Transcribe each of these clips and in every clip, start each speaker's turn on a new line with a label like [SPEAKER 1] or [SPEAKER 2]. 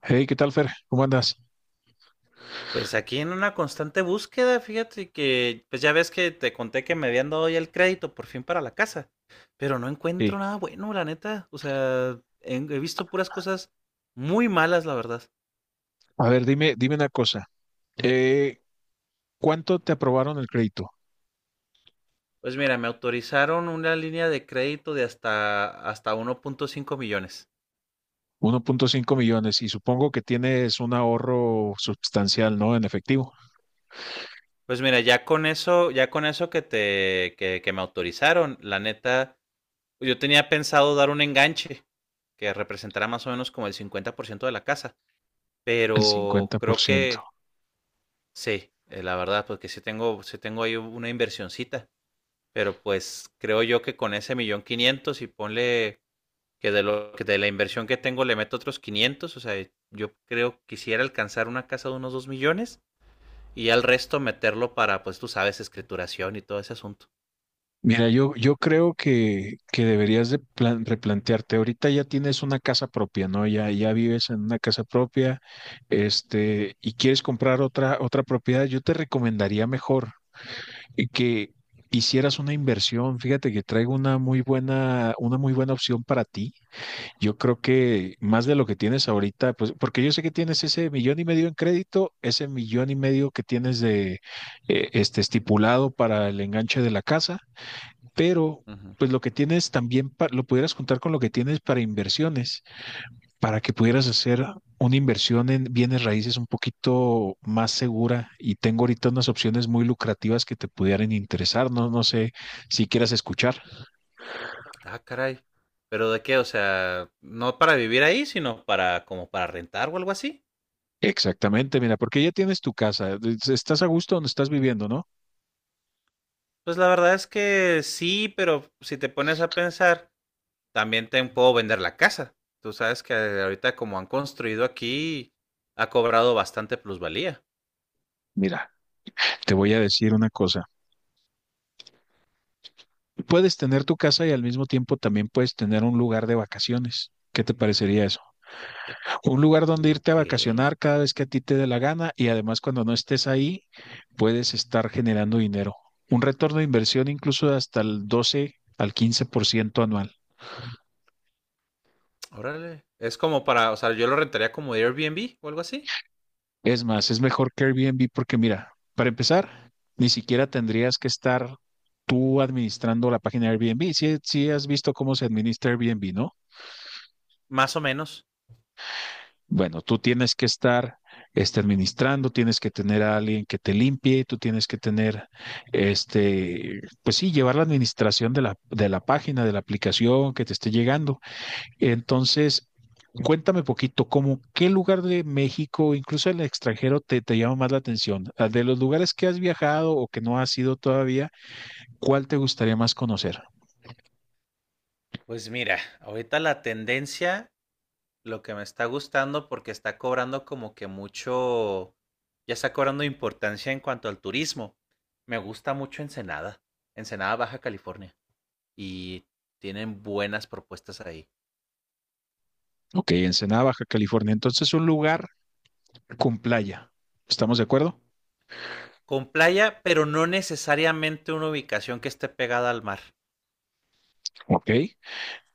[SPEAKER 1] Hey, ¿qué tal, Fer? ¿Cómo andas?
[SPEAKER 2] Pues aquí en una constante búsqueda, fíjate que, pues ya ves que te conté que me habían dado ya el crédito por fin para la casa, pero no
[SPEAKER 1] Sí.
[SPEAKER 2] encuentro nada bueno, la neta. O sea, he visto puras cosas muy malas, la verdad.
[SPEAKER 1] A ver, dime una cosa. Eh, ¿cuánto te aprobaron el crédito?
[SPEAKER 2] Pues mira, me autorizaron una línea de crédito de hasta 1.5 millones.
[SPEAKER 1] 1.5 millones y supongo que tienes un ahorro sustancial, ¿no? En efectivo,
[SPEAKER 2] Pues mira, ya con eso que me autorizaron, la neta, yo tenía pensado dar un enganche que representará más o menos como el 50% de la casa,
[SPEAKER 1] el
[SPEAKER 2] pero creo
[SPEAKER 1] 50%.
[SPEAKER 2] que. Sí, la verdad, porque sí tengo ahí una inversioncita, pero pues creo yo que con ese millón quinientos y ponle que de la inversión que tengo le meto otros 500, o sea, yo creo que quisiera alcanzar una casa de unos 2 millones y al resto meterlo para, pues tú sabes, escrituración y todo ese asunto.
[SPEAKER 1] Mira, yo creo que deberías de replantearte. Ahorita ya tienes una casa propia, ¿no? Ya vives en una casa propia, y quieres comprar otra propiedad. Yo te recomendaría mejor. Que hicieras una inversión. Fíjate que traigo una muy buena opción para ti. Yo creo que más de lo que tienes ahorita, pues, porque yo sé que tienes ese 1.5 millones en crédito, ese 1.5 millones que tienes de estipulado para el enganche de la casa, pero
[SPEAKER 2] Uh -huh.
[SPEAKER 1] pues lo que tienes también lo pudieras juntar con lo que tienes para inversiones para que pudieras hacer una inversión en bienes raíces un poquito más segura y tengo ahorita unas opciones muy lucrativas que te pudieran interesar, no sé si quieras escuchar.
[SPEAKER 2] Ah, caray. ¿Pero de qué? O sea, no para vivir ahí, sino para como para rentar o algo así.
[SPEAKER 1] Exactamente, mira, porque ya tienes tu casa, estás a gusto donde estás viviendo, ¿no?
[SPEAKER 2] Pues la verdad es que sí, pero si te pones a pensar, también te puedo vender la casa. Tú sabes que ahorita como han construido aquí, ha cobrado bastante plusvalía.
[SPEAKER 1] Mira, te voy a decir una cosa. Puedes tener tu casa y al mismo tiempo también puedes tener un lugar de vacaciones. ¿Qué te parecería eso? Un lugar donde irte a
[SPEAKER 2] Ok,
[SPEAKER 1] vacacionar cada vez que a ti te dé la gana y además cuando no estés ahí puedes estar generando dinero. Un retorno de inversión incluso de hasta el 12 al 15% anual.
[SPEAKER 2] órale. Es como para, o sea, yo lo rentaría como Airbnb o algo así,
[SPEAKER 1] Es más, es mejor que Airbnb porque mira, para empezar, ni siquiera tendrías que estar tú administrando la página de Airbnb. Si, has visto cómo se administra Airbnb, ¿no?
[SPEAKER 2] más o menos.
[SPEAKER 1] Bueno, tú tienes que estar administrando, tienes que tener a alguien que te limpie, tú tienes que tener, pues sí, llevar la administración de la página, de la aplicación que te esté llegando. Entonces, cuéntame poquito, ¿cómo qué lugar de México, incluso el extranjero, te llama más la atención? De los lugares que has viajado o que no has ido todavía, ¿cuál te gustaría más conocer?
[SPEAKER 2] Pues mira, ahorita la tendencia, lo que me está gustando porque está cobrando como que mucho, ya está cobrando importancia en cuanto al turismo. Me gusta mucho Ensenada, Ensenada Baja California, y tienen buenas propuestas ahí.
[SPEAKER 1] Ok, Ensenada, Baja California. Entonces, un lugar con playa. ¿Estamos de acuerdo?
[SPEAKER 2] Con playa, pero no necesariamente una ubicación que esté pegada al mar.
[SPEAKER 1] Ok.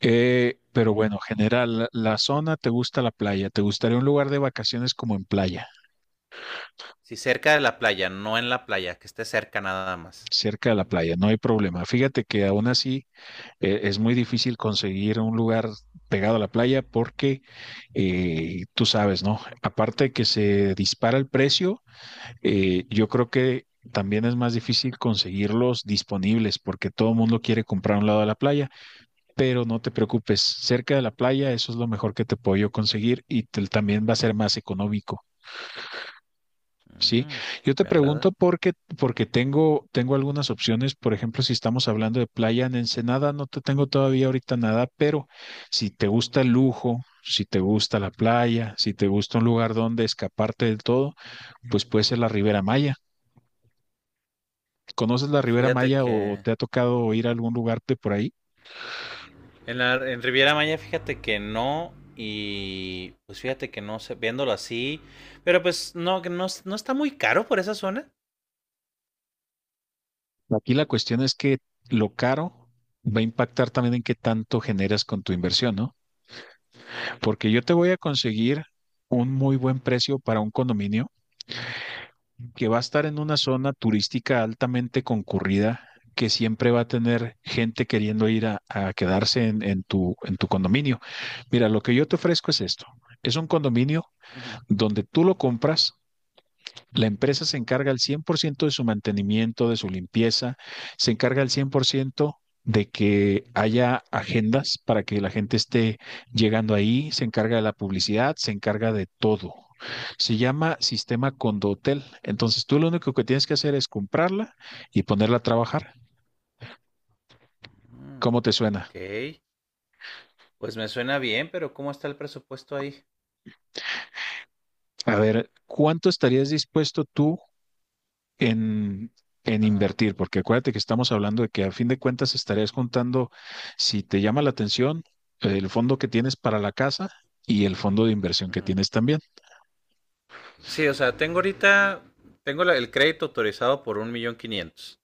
[SPEAKER 1] Pero bueno, general, la zona, ¿te gusta la playa? ¿Te gustaría un lugar de vacaciones como en playa,
[SPEAKER 2] Sí, cerca de la playa, no en la playa, que esté cerca nada más.
[SPEAKER 1] cerca de la playa? No hay problema. Fíjate que aún así es muy difícil conseguir un lugar pegado a la playa porque tú sabes, ¿no? Aparte de que se dispara el precio, yo creo que también es más difícil conseguirlos disponibles porque todo el mundo quiere comprar a un lado de la playa, pero no te preocupes, cerca de la playa eso es lo mejor que te puedo yo conseguir y también va a ser más económico. Sí,
[SPEAKER 2] Mm,
[SPEAKER 1] yo te
[SPEAKER 2] me
[SPEAKER 1] pregunto
[SPEAKER 2] agrada.
[SPEAKER 1] porque tengo algunas opciones. Por ejemplo, si estamos hablando de playa en Ensenada, no te tengo todavía ahorita nada, pero si te gusta el lujo, si te gusta la playa, si te gusta un lugar donde escaparte del todo, pues puede ser la Ribera Maya. ¿Conoces la Ribera
[SPEAKER 2] Fíjate
[SPEAKER 1] Maya o
[SPEAKER 2] que
[SPEAKER 1] te ha tocado ir a algún lugar de por ahí?
[SPEAKER 2] en Riviera Maya, fíjate que no. Y pues fíjate que no sé, viéndolo así. Pero pues no, que no, no está muy caro por esa zona.
[SPEAKER 1] Aquí la cuestión es que lo caro va a impactar también en qué tanto generas con tu inversión, ¿no? Porque yo te voy a conseguir un muy buen precio para un condominio que va a estar en una zona turística altamente concurrida, que siempre va a tener gente queriendo ir a quedarse en tu condominio. Mira, lo que yo te ofrezco es esto. Es un condominio
[SPEAKER 2] Ujú.
[SPEAKER 1] donde tú lo compras. La empresa se encarga al 100% de su mantenimiento, de su limpieza, se encarga al 100% de que haya agendas para que la gente esté llegando ahí, se encarga de la publicidad, se encarga de todo. Se llama sistema Condotel. Entonces tú lo único que tienes que hacer es comprarla y ponerla a trabajar.
[SPEAKER 2] Mm,
[SPEAKER 1] ¿Cómo te suena?
[SPEAKER 2] ok. Pues me suena bien, pero ¿cómo está el presupuesto ahí?
[SPEAKER 1] A ver, ¿cuánto estarías dispuesto tú en, en
[SPEAKER 2] Ajá.
[SPEAKER 1] invertir, porque acuérdate que estamos hablando de que a fin de cuentas estarías contando, si te llama la atención, el fondo que tienes para la casa y el fondo de inversión que
[SPEAKER 2] Ujú.
[SPEAKER 1] tienes también.
[SPEAKER 2] Sí, o sea, tengo ahorita, tengo el crédito autorizado por un millón quinientos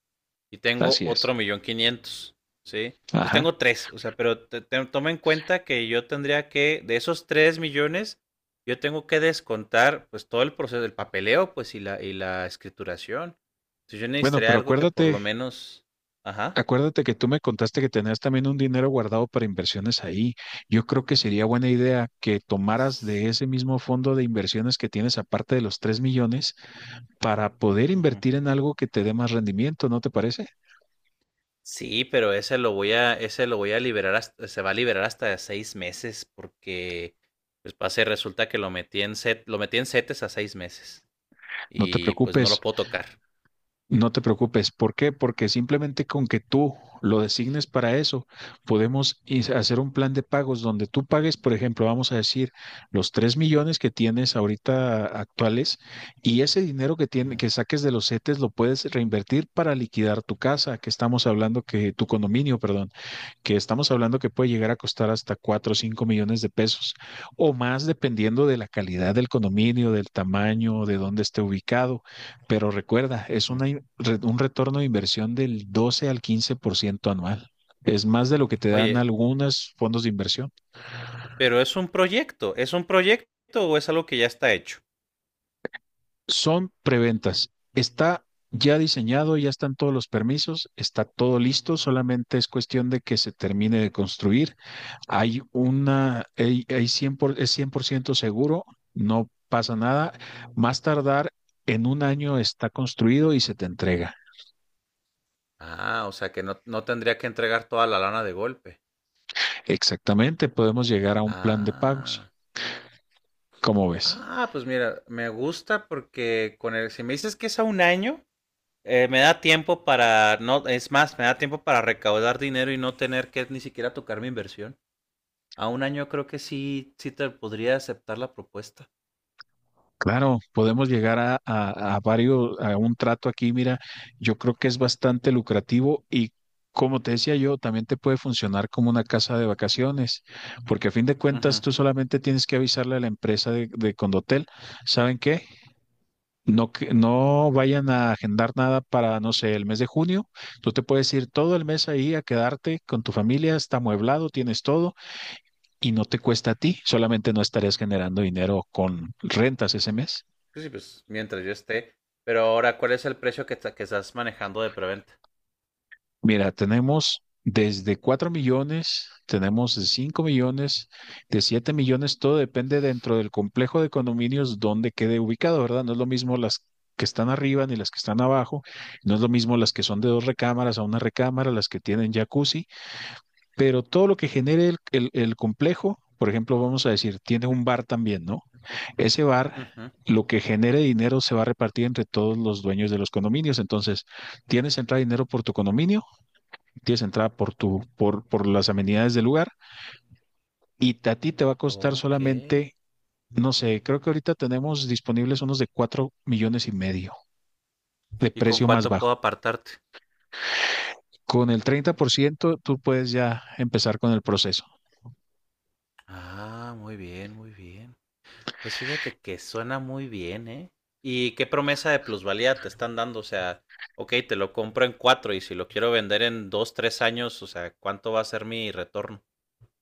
[SPEAKER 2] y tengo
[SPEAKER 1] Así es.
[SPEAKER 2] otro millón quinientos, ¿sí? Entonces
[SPEAKER 1] Ajá.
[SPEAKER 2] tengo tres, o sea, pero toma en cuenta que yo tendría que, de esos 3 millones, yo tengo que descontar pues todo el proceso del papeleo, pues y la escrituración. Entonces yo
[SPEAKER 1] Bueno,
[SPEAKER 2] necesitaría
[SPEAKER 1] pero
[SPEAKER 2] algo que por lo menos, ajá.
[SPEAKER 1] acuérdate que tú me contaste que tenías también un dinero guardado para inversiones ahí. Yo creo que sería buena idea que tomaras de ese mismo fondo de inversiones que tienes, aparte de los 3 millones, para poder invertir en algo que te dé más rendimiento, ¿no te parece?
[SPEAKER 2] Sí, pero ese lo voy a, ese lo voy a liberar hasta- se va a liberar hasta 6 meses, porque pues resulta que lo metí en setes a 6 meses.
[SPEAKER 1] No te
[SPEAKER 2] Y pues no lo
[SPEAKER 1] preocupes.
[SPEAKER 2] puedo tocar.
[SPEAKER 1] No te preocupes. ¿Por qué? Porque simplemente con que tú lo designes para eso, podemos hacer un plan de pagos donde tú pagues, por ejemplo, vamos a decir, los 3 millones que tienes ahorita actuales y ese dinero que tiene,
[SPEAKER 2] Ujú,
[SPEAKER 1] que saques de los CETES lo puedes reinvertir para liquidar tu casa, que estamos hablando que tu condominio, perdón, que estamos hablando que puede llegar a costar hasta 4 o 5 millones de pesos o más dependiendo de la calidad del condominio, del tamaño, de dónde esté ubicado. Pero recuerda, es
[SPEAKER 2] ujú.
[SPEAKER 1] un retorno de inversión del 12 al 15% anual. Es más de lo que te dan
[SPEAKER 2] Oye,
[SPEAKER 1] algunos fondos de inversión.
[SPEAKER 2] pero ¿es un proyecto o es algo que ya está hecho?
[SPEAKER 1] Son preventas. Está ya diseñado, ya están todos los permisos, está todo listo, solamente es cuestión de que se termine de construir. Hay una, hay 100 por- es 100% seguro, no pasa nada. Más tardar en un año está construido y se te entrega.
[SPEAKER 2] Ah, o sea que no, no tendría que entregar toda la lana de golpe.
[SPEAKER 1] Exactamente, podemos llegar a un plan de pagos.
[SPEAKER 2] Ah.
[SPEAKER 1] ¿Cómo ves?
[SPEAKER 2] Ah, pues mira, me gusta porque con el, si me dices que es a un año, eh, me da tiempo para, no, es más, me da tiempo para recaudar dinero y no tener que ni siquiera tocar mi inversión. A un año creo que sí, sí te podría aceptar la propuesta.
[SPEAKER 1] Claro, podemos llegar a un trato aquí. Mira, yo creo que es bastante lucrativo y como te decía yo, también te puede funcionar como una casa de vacaciones, porque a fin de cuentas
[SPEAKER 2] Ujú.
[SPEAKER 1] tú solamente tienes que avisarle a la empresa de Condotel. ¿Saben qué? No, no vayan a agendar nada para, no sé, el mes de junio. Tú te puedes ir todo el mes ahí a quedarte con tu familia, está amueblado, tienes todo y no te cuesta a ti, solamente no estarías generando dinero con rentas ese mes.
[SPEAKER 2] Sí, sí, pues mientras yo esté. Pero ahora, ¿cuál es el precio que, ta- que estás manejando de preventa?
[SPEAKER 1] Mira, tenemos desde 4 millones, tenemos de 5 millones, de 7 millones, todo depende dentro del complejo de condominios donde quede ubicado, ¿verdad? No es lo mismo las que están arriba ni las que están abajo, no es lo mismo las que son de 2 recámaras a una recámara, las que tienen jacuzzi, pero todo lo que genere el complejo, por ejemplo, vamos a decir, tiene un bar también, ¿no? Ese bar...
[SPEAKER 2] Ujú.
[SPEAKER 1] Lo que genere dinero se va a repartir entre todos los dueños de los condominios. Entonces, tienes entrada de dinero por tu condominio, tienes entrada por las amenidades del lugar y a ti te va a costar
[SPEAKER 2] Ok.
[SPEAKER 1] solamente, no sé, creo que ahorita tenemos disponibles unos de 4.5 millones de
[SPEAKER 2] ¿Y con
[SPEAKER 1] precio más
[SPEAKER 2] cuánto
[SPEAKER 1] bajo.
[SPEAKER 2] puedo apartarte?
[SPEAKER 1] Con el 30% tú puedes ya empezar con el proceso.
[SPEAKER 2] Ah, muy bien, muy bien. Pues fíjate que suena muy bien, ¿eh? ¿Y qué promesa de plusvalía te están dando? O sea, ok, te lo compro en cuatro y si lo quiero vender en dos, tres años, o sea, ¿cuánto va a ser mi retorno?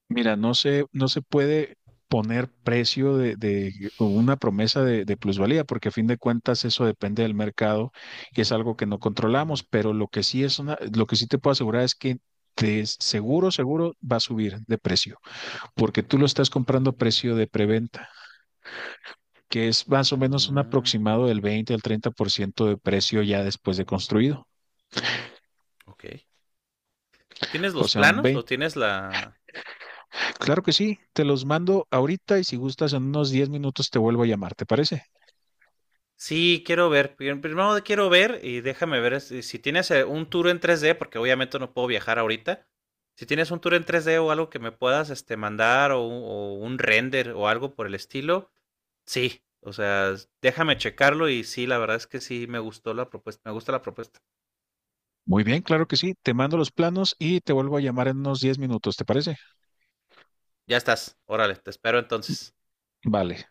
[SPEAKER 1] Mira, no se puede poner precio de o una promesa de plusvalía, porque a fin de cuentas eso depende del mercado y es algo que no controlamos,
[SPEAKER 2] Ujú,
[SPEAKER 1] pero lo que sí te puedo asegurar es que de seguro, seguro va a subir de precio. Porque tú lo estás comprando a
[SPEAKER 2] ujú.
[SPEAKER 1] precio de preventa, que es más o menos un
[SPEAKER 2] Mm,
[SPEAKER 1] aproximado del 20 al 30% de precio ya después de construido.
[SPEAKER 2] ok. ¿Tienes
[SPEAKER 1] O
[SPEAKER 2] los
[SPEAKER 1] sea, un
[SPEAKER 2] planos o
[SPEAKER 1] 20.
[SPEAKER 2] tienes la...?
[SPEAKER 1] Claro que sí, te los mando ahorita y si gustas en unos 10 minutos te vuelvo a llamar, ¿te parece?
[SPEAKER 2] Sí, quiero ver. Primero quiero ver y déjame ver si tienes un tour en 3D, porque obviamente no puedo viajar ahorita. Si tienes un tour en 3D o algo que me puedas este, mandar o un render o algo por el estilo, sí, o sea, déjame checarlo y sí, la verdad es que sí me gustó la propuesta, me gusta la propuesta.
[SPEAKER 1] Muy bien, claro que sí, te mando los planos y te vuelvo a llamar en unos 10 minutos, ¿te parece?
[SPEAKER 2] Ya estás, órale, te espero entonces.
[SPEAKER 1] Vale,